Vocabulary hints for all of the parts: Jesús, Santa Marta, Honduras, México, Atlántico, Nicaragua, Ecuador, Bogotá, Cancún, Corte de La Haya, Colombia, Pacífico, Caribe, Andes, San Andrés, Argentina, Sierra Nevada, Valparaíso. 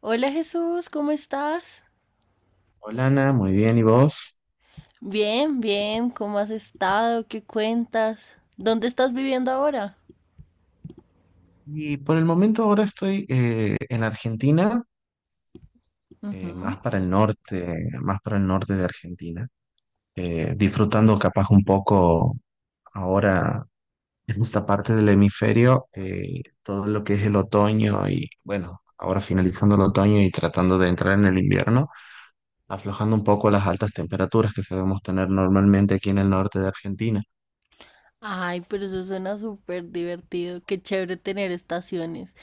Hola Jesús, ¿cómo estás? Hola Ana, muy bien, ¿y vos? Bien, bien, ¿cómo has estado? ¿Qué cuentas? ¿Dónde estás viviendo ahora? Y por el momento ahora estoy en Argentina, Ujú. más para el norte, más para el norte de Argentina, disfrutando capaz un poco ahora en esta parte del hemisferio, todo lo que es el otoño y bueno, ahora finalizando el otoño y tratando de entrar en el invierno, aflojando un poco las altas temperaturas que sabemos tener normalmente aquí en el norte de Argentina. Ay, pero eso suena súper divertido, qué chévere tener estaciones.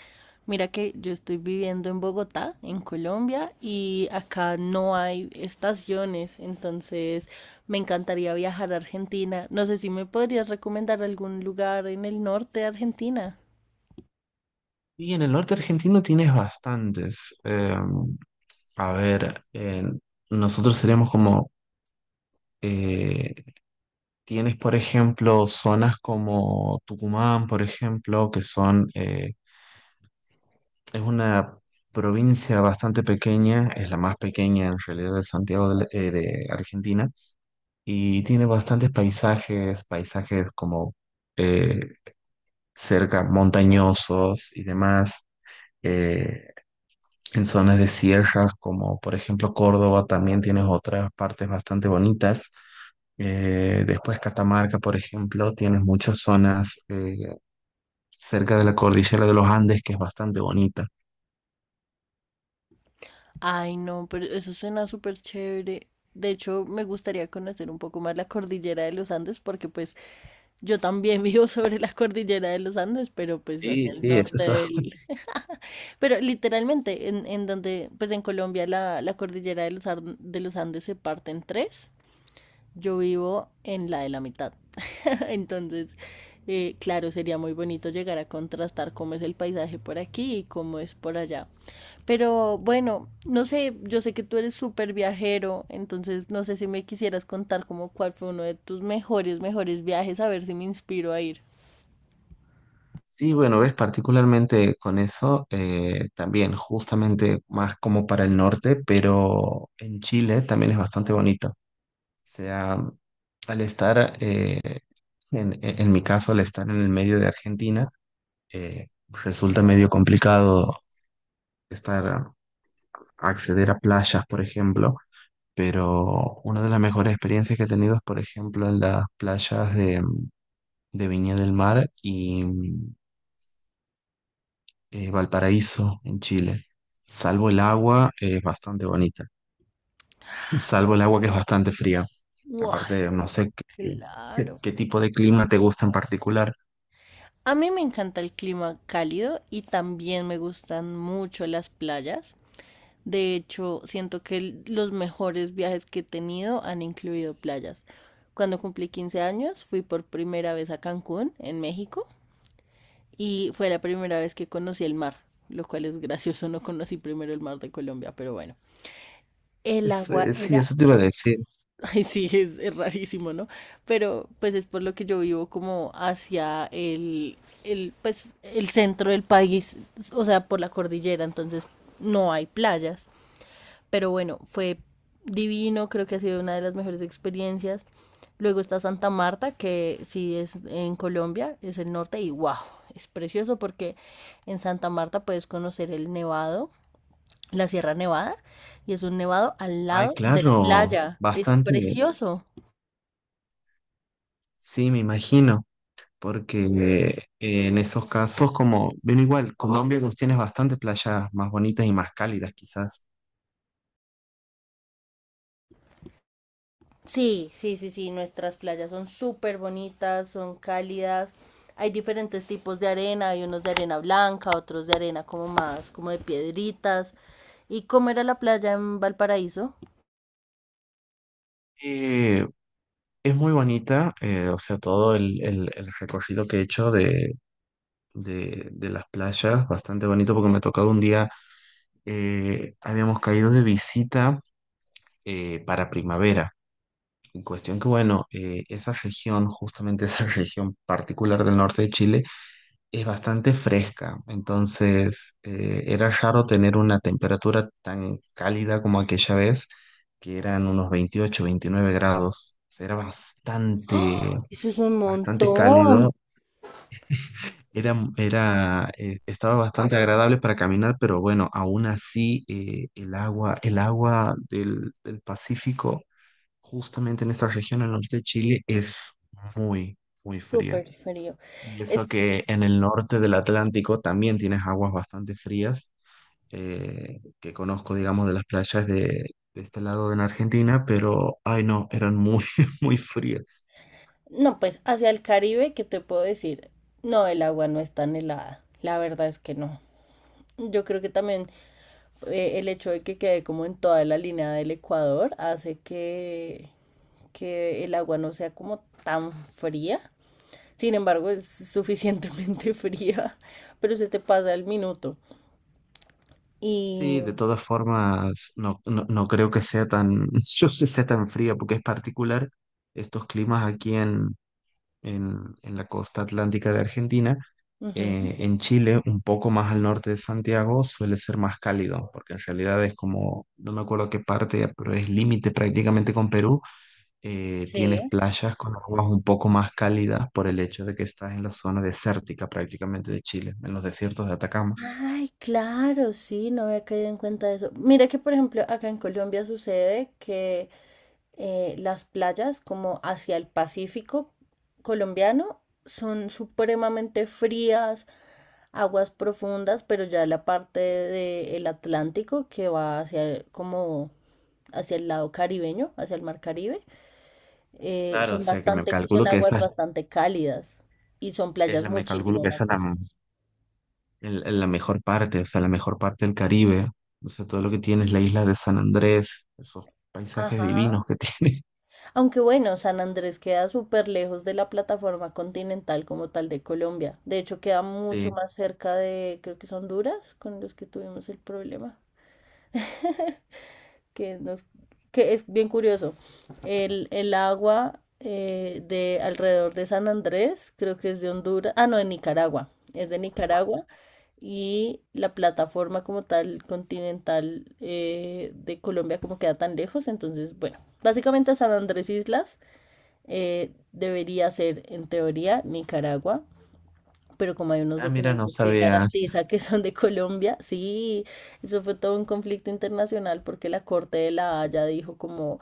Mira que yo estoy viviendo en Bogotá, en Colombia, y acá no hay estaciones, entonces me encantaría viajar a Argentina. No sé si me podrías recomendar algún lugar en el norte de Argentina. Y en el norte argentino tienes bastantes. A ver, nosotros seríamos como, eh, tienes por ejemplo zonas como Tucumán, por ejemplo, que son, es una provincia bastante pequeña, es la más pequeña en realidad de Argentina, y tiene bastantes paisajes, paisajes como eh, cerca montañosos y demás. Eh, En zonas de sierras, como por ejemplo Córdoba, también tienes otras partes bastante bonitas. Después Catamarca, por ejemplo, tienes muchas zonas cerca de la cordillera de los Andes que es bastante bonita. Ay, no, pero eso suena súper chévere. De hecho, me gustaría conocer un poco más la cordillera de los Andes, porque pues yo también vivo sobre la cordillera de los Andes, pero pues hacia Sí, el sí, sí, es norte eso. del... Pero literalmente, en donde, pues en Colombia la cordillera de los, de los Andes se parte en tres, yo vivo en la de la mitad. Entonces, claro, sería muy bonito llegar a contrastar cómo es el paisaje por aquí y cómo es por allá. Pero bueno, no sé, yo sé que tú eres súper viajero, entonces no sé si me quisieras contar como cuál fue uno de tus mejores viajes, a ver si me inspiro a ir. Sí, bueno, ves, particularmente con eso, también justamente más como para el norte, pero en Chile también es bastante bonito. O sea, al estar, eh, en mi caso, al estar en el medio de Argentina, resulta medio complicado estar, acceder a playas, por ejemplo, pero una de las mejores experiencias que he tenido es, por ejemplo, en de Viña del Mar y Valparaíso, en Chile. Salvo el agua, es bastante bonita. Salvo el agua que es bastante fría. Wow, Aparte, no sé qué, claro. qué tipo de clima te gusta en particular. A mí me encanta el clima cálido y también me gustan mucho las playas. De hecho, siento que los mejores viajes que he tenido han incluido playas. Cuando cumplí 15 años, fui por primera vez a Cancún, en México, y fue la primera vez que conocí el mar, lo cual es gracioso, no conocí primero el mar de Colombia, pero bueno. El Es, agua sí, era... eso te iba a decir. Ay, sí, es rarísimo, ¿no? Pero pues es por lo que yo vivo como hacia pues, el centro del país, o sea, por la cordillera, entonces no hay playas. Pero bueno, fue divino, creo que ha sido una de las mejores experiencias. Luego está Santa Marta, que sí es en Colombia, es el norte, y wow, es precioso porque en Santa Marta puedes conocer el nevado, la Sierra Nevada, y es un nevado al Ay, lado de la claro, playa. Es bastante. precioso. Sí, me imagino, porque en esos casos, como, ven igual, Colombia pues, tienes bastantes playas más bonitas y más cálidas quizás. Sí, sí, sí, sí, nuestras playas son súper bonitas, son cálidas. Hay diferentes tipos de arena, hay unos de arena blanca, otros de arena como más, como de piedritas. ¿Y cómo era la playa en Valparaíso? Eh, es muy bonita, o sea, el recorrido que he hecho de las playas, bastante bonito porque me ha tocado un día, habíamos caído de visita para primavera. En cuestión que, bueno, esa región, justamente esa región particular del norte de Chile, es bastante fresca, entonces era raro tener una temperatura tan cálida como aquella vez, que eran unos 28, 29 grados. O sea, era bastante, Eso es un bastante montón. cálido, estaba bastante agradable para caminar, pero bueno, aún así el agua del Pacífico, justamente en esta región al norte de Chile, es muy, muy fría. Súper frío. Y eso Es- que en el norte del Atlántico también tienes aguas bastante frías, que conozco, digamos, de de este lado en Argentina, pero, ay no, eran muy, muy frías. no, pues hacia el Caribe, ¿qué te puedo decir? No, el agua no es tan helada. La verdad es que no. Yo creo que también el hecho de que quede como en toda la línea del Ecuador hace que el agua no sea como tan fría. Sin embargo, es suficientemente fría, pero se te pasa el minuto. Sí, Y... de todas formas, no, no, no creo que sea tan, yo que sea tan fría, porque es particular estos climas aquí en la costa atlántica de Argentina. ujú, En Chile, un poco más al norte de Santiago, suele ser más cálido, porque en realidad es como, no me acuerdo qué parte, pero es límite prácticamente con Perú. Tienes sí. playas con aguas un poco más cálidas por el hecho de que estás en la zona desértica prácticamente de Chile, en los desiertos de Atacama. Ay, claro, sí, no había caído en cuenta de eso. Mira que, por ejemplo, acá en Colombia sucede que las playas como hacia el Pacífico colombiano son supremamente frías, aguas profundas, pero ya la parte del Atlántico que va hacia como hacia el lado caribeño, hacia el mar Caribe, Claro, o son sea que me bastante, son calculo que aguas esa bastante cálidas y son es playas la, me calculo muchísimo que más esa es bonitas. La mejor parte, o sea, la mejor parte del Caribe. O sea, todo lo que tienes, la isla de San Andrés, esos paisajes Ajá. divinos que tiene. Aunque bueno, San Andrés queda súper lejos de la plataforma continental como tal de Colombia. De hecho, queda mucho Sí. más cerca de, creo que es Honduras, con los que tuvimos el problema, que nos, que es bien curioso. El agua de alrededor de San Andrés, creo que es de Honduras, ah, no, de Nicaragua, es de Nicaragua. Y la plataforma como tal continental de Colombia como queda tan lejos, entonces, bueno, básicamente San Andrés Islas debería ser en teoría Nicaragua, pero como hay unos Ah, mira, no documentos que sabía. garantiza que son de Colombia, sí, eso fue todo un conflicto internacional porque la Corte de La Haya dijo como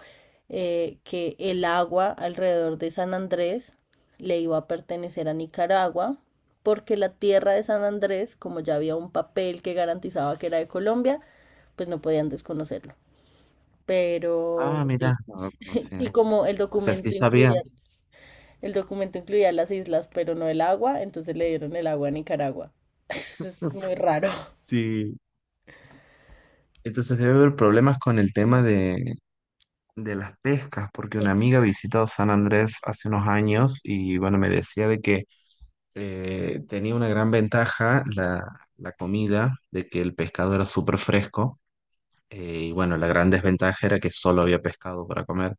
que el agua alrededor de San Andrés le iba a pertenecer a Nicaragua. Porque la tierra de San Andrés, como ya había un papel que garantizaba que era de Colombia, pues no podían desconocerlo. Pero Ah, mira, sí, no lo y conocía. como O sea, sí sabía. El documento incluía las islas, pero no el agua, entonces le dieron el agua a Nicaragua. Eso es muy raro. Sí. Entonces debe haber problemas con el tema de las pescas, porque una amiga Exacto. visitó San Andrés hace unos años y bueno, me decía de que tenía una gran ventaja la comida, de que el pescado era súper fresco. Eh, y bueno, la gran desventaja era que solo había pescado para comer,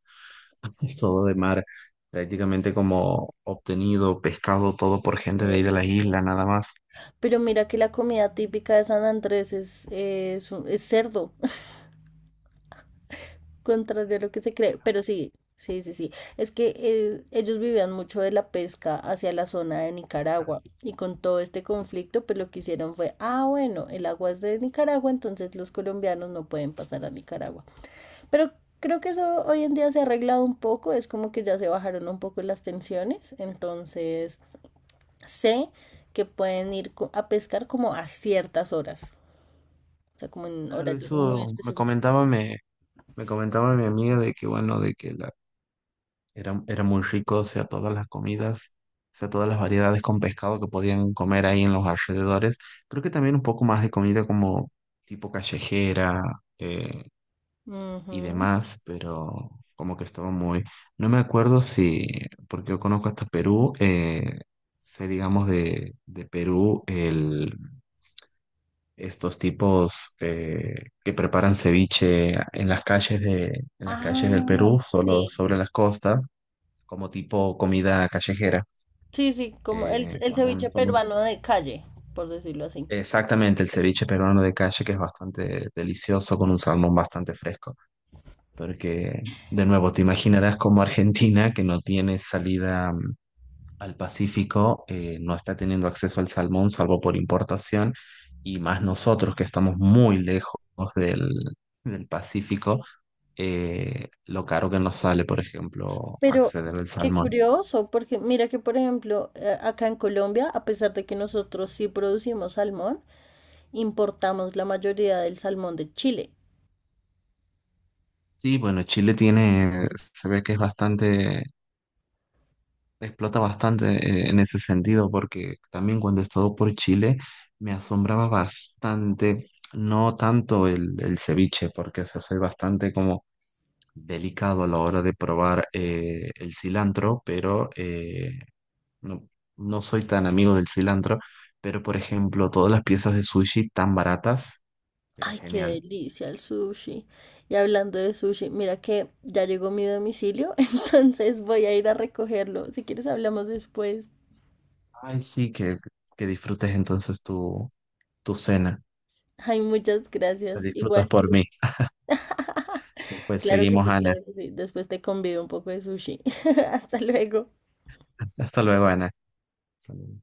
es todo de mar, prácticamente como obtenido pescado todo por gente de ahí de la isla, nada más. Pero mira que la comida típica de San Andrés es cerdo, contrario a lo que se cree. Pero sí, sí, sí, sí. Es que ellos vivían mucho de la pesca hacia la zona de Nicaragua. Y con todo este conflicto, pues lo que hicieron fue, ah, bueno, el agua es de Nicaragua, entonces los colombianos no pueden pasar a Nicaragua. Pero creo que eso hoy en día se ha arreglado un poco, es como que ya se bajaron un poco las tensiones, entonces sé que pueden ir a pescar como a ciertas horas, o sea, como en Claro, horarios muy eso me específicos. comentaba, me comentaba mi amiga de que bueno, era, era muy rico, o sea, todas las comidas, o sea, todas las variedades con pescado que podían comer ahí en los alrededores. Creo que también un poco más de comida como tipo callejera eh, y Ujú. demás, pero como que estaba muy... No me acuerdo si, porque yo conozco hasta Perú, sé digamos de Perú el... Estos tipos que preparan ceviche en en las calles del Ah, Perú, sí. solo sobre las costas, como tipo comida callejera. Sí, sí, como eh, el con un- ceviche con un- peruano de calle, por decirlo así. Exactamente el ceviche peruano de calle, que es bastante delicioso, con un salmón bastante fresco. Porque, de nuevo, te imaginarás como Argentina, que no tiene salida al Pacífico. No está teniendo acceso al salmón salvo por importación y más nosotros que estamos muy lejos del, del Pacífico, lo caro que nos sale, por ejemplo, Pero acceder al qué salmón. curioso, porque mira que, por ejemplo, acá en Colombia, a pesar de que nosotros sí producimos salmón, importamos la mayoría del salmón de Chile. Sí, bueno, Chile tiene, se ve que es bastante, explota bastante en ese sentido porque también cuando he estado por Chile me asombraba bastante. No tanto el ceviche, porque eso soy bastante como delicado a la hora de probar el cilantro, pero no, no soy tan amigo del cilantro, pero por ejemplo, todas las piezas de sushi tan baratas, era Ay, qué genial. delicia el sushi. Y hablando de sushi, mira que ya llegó mi domicilio, entonces voy a ir a recogerlo. Si quieres, hablamos después. Ay, sí, que disfrutes entonces tu cena. Ay, muchas La gracias. disfrutas Igual por tú. mí. Después Claro que seguimos, sí, Ana. claro que sí. Después te convido un poco de sushi. Hasta luego. Hasta luego, Ana. Hasta luego.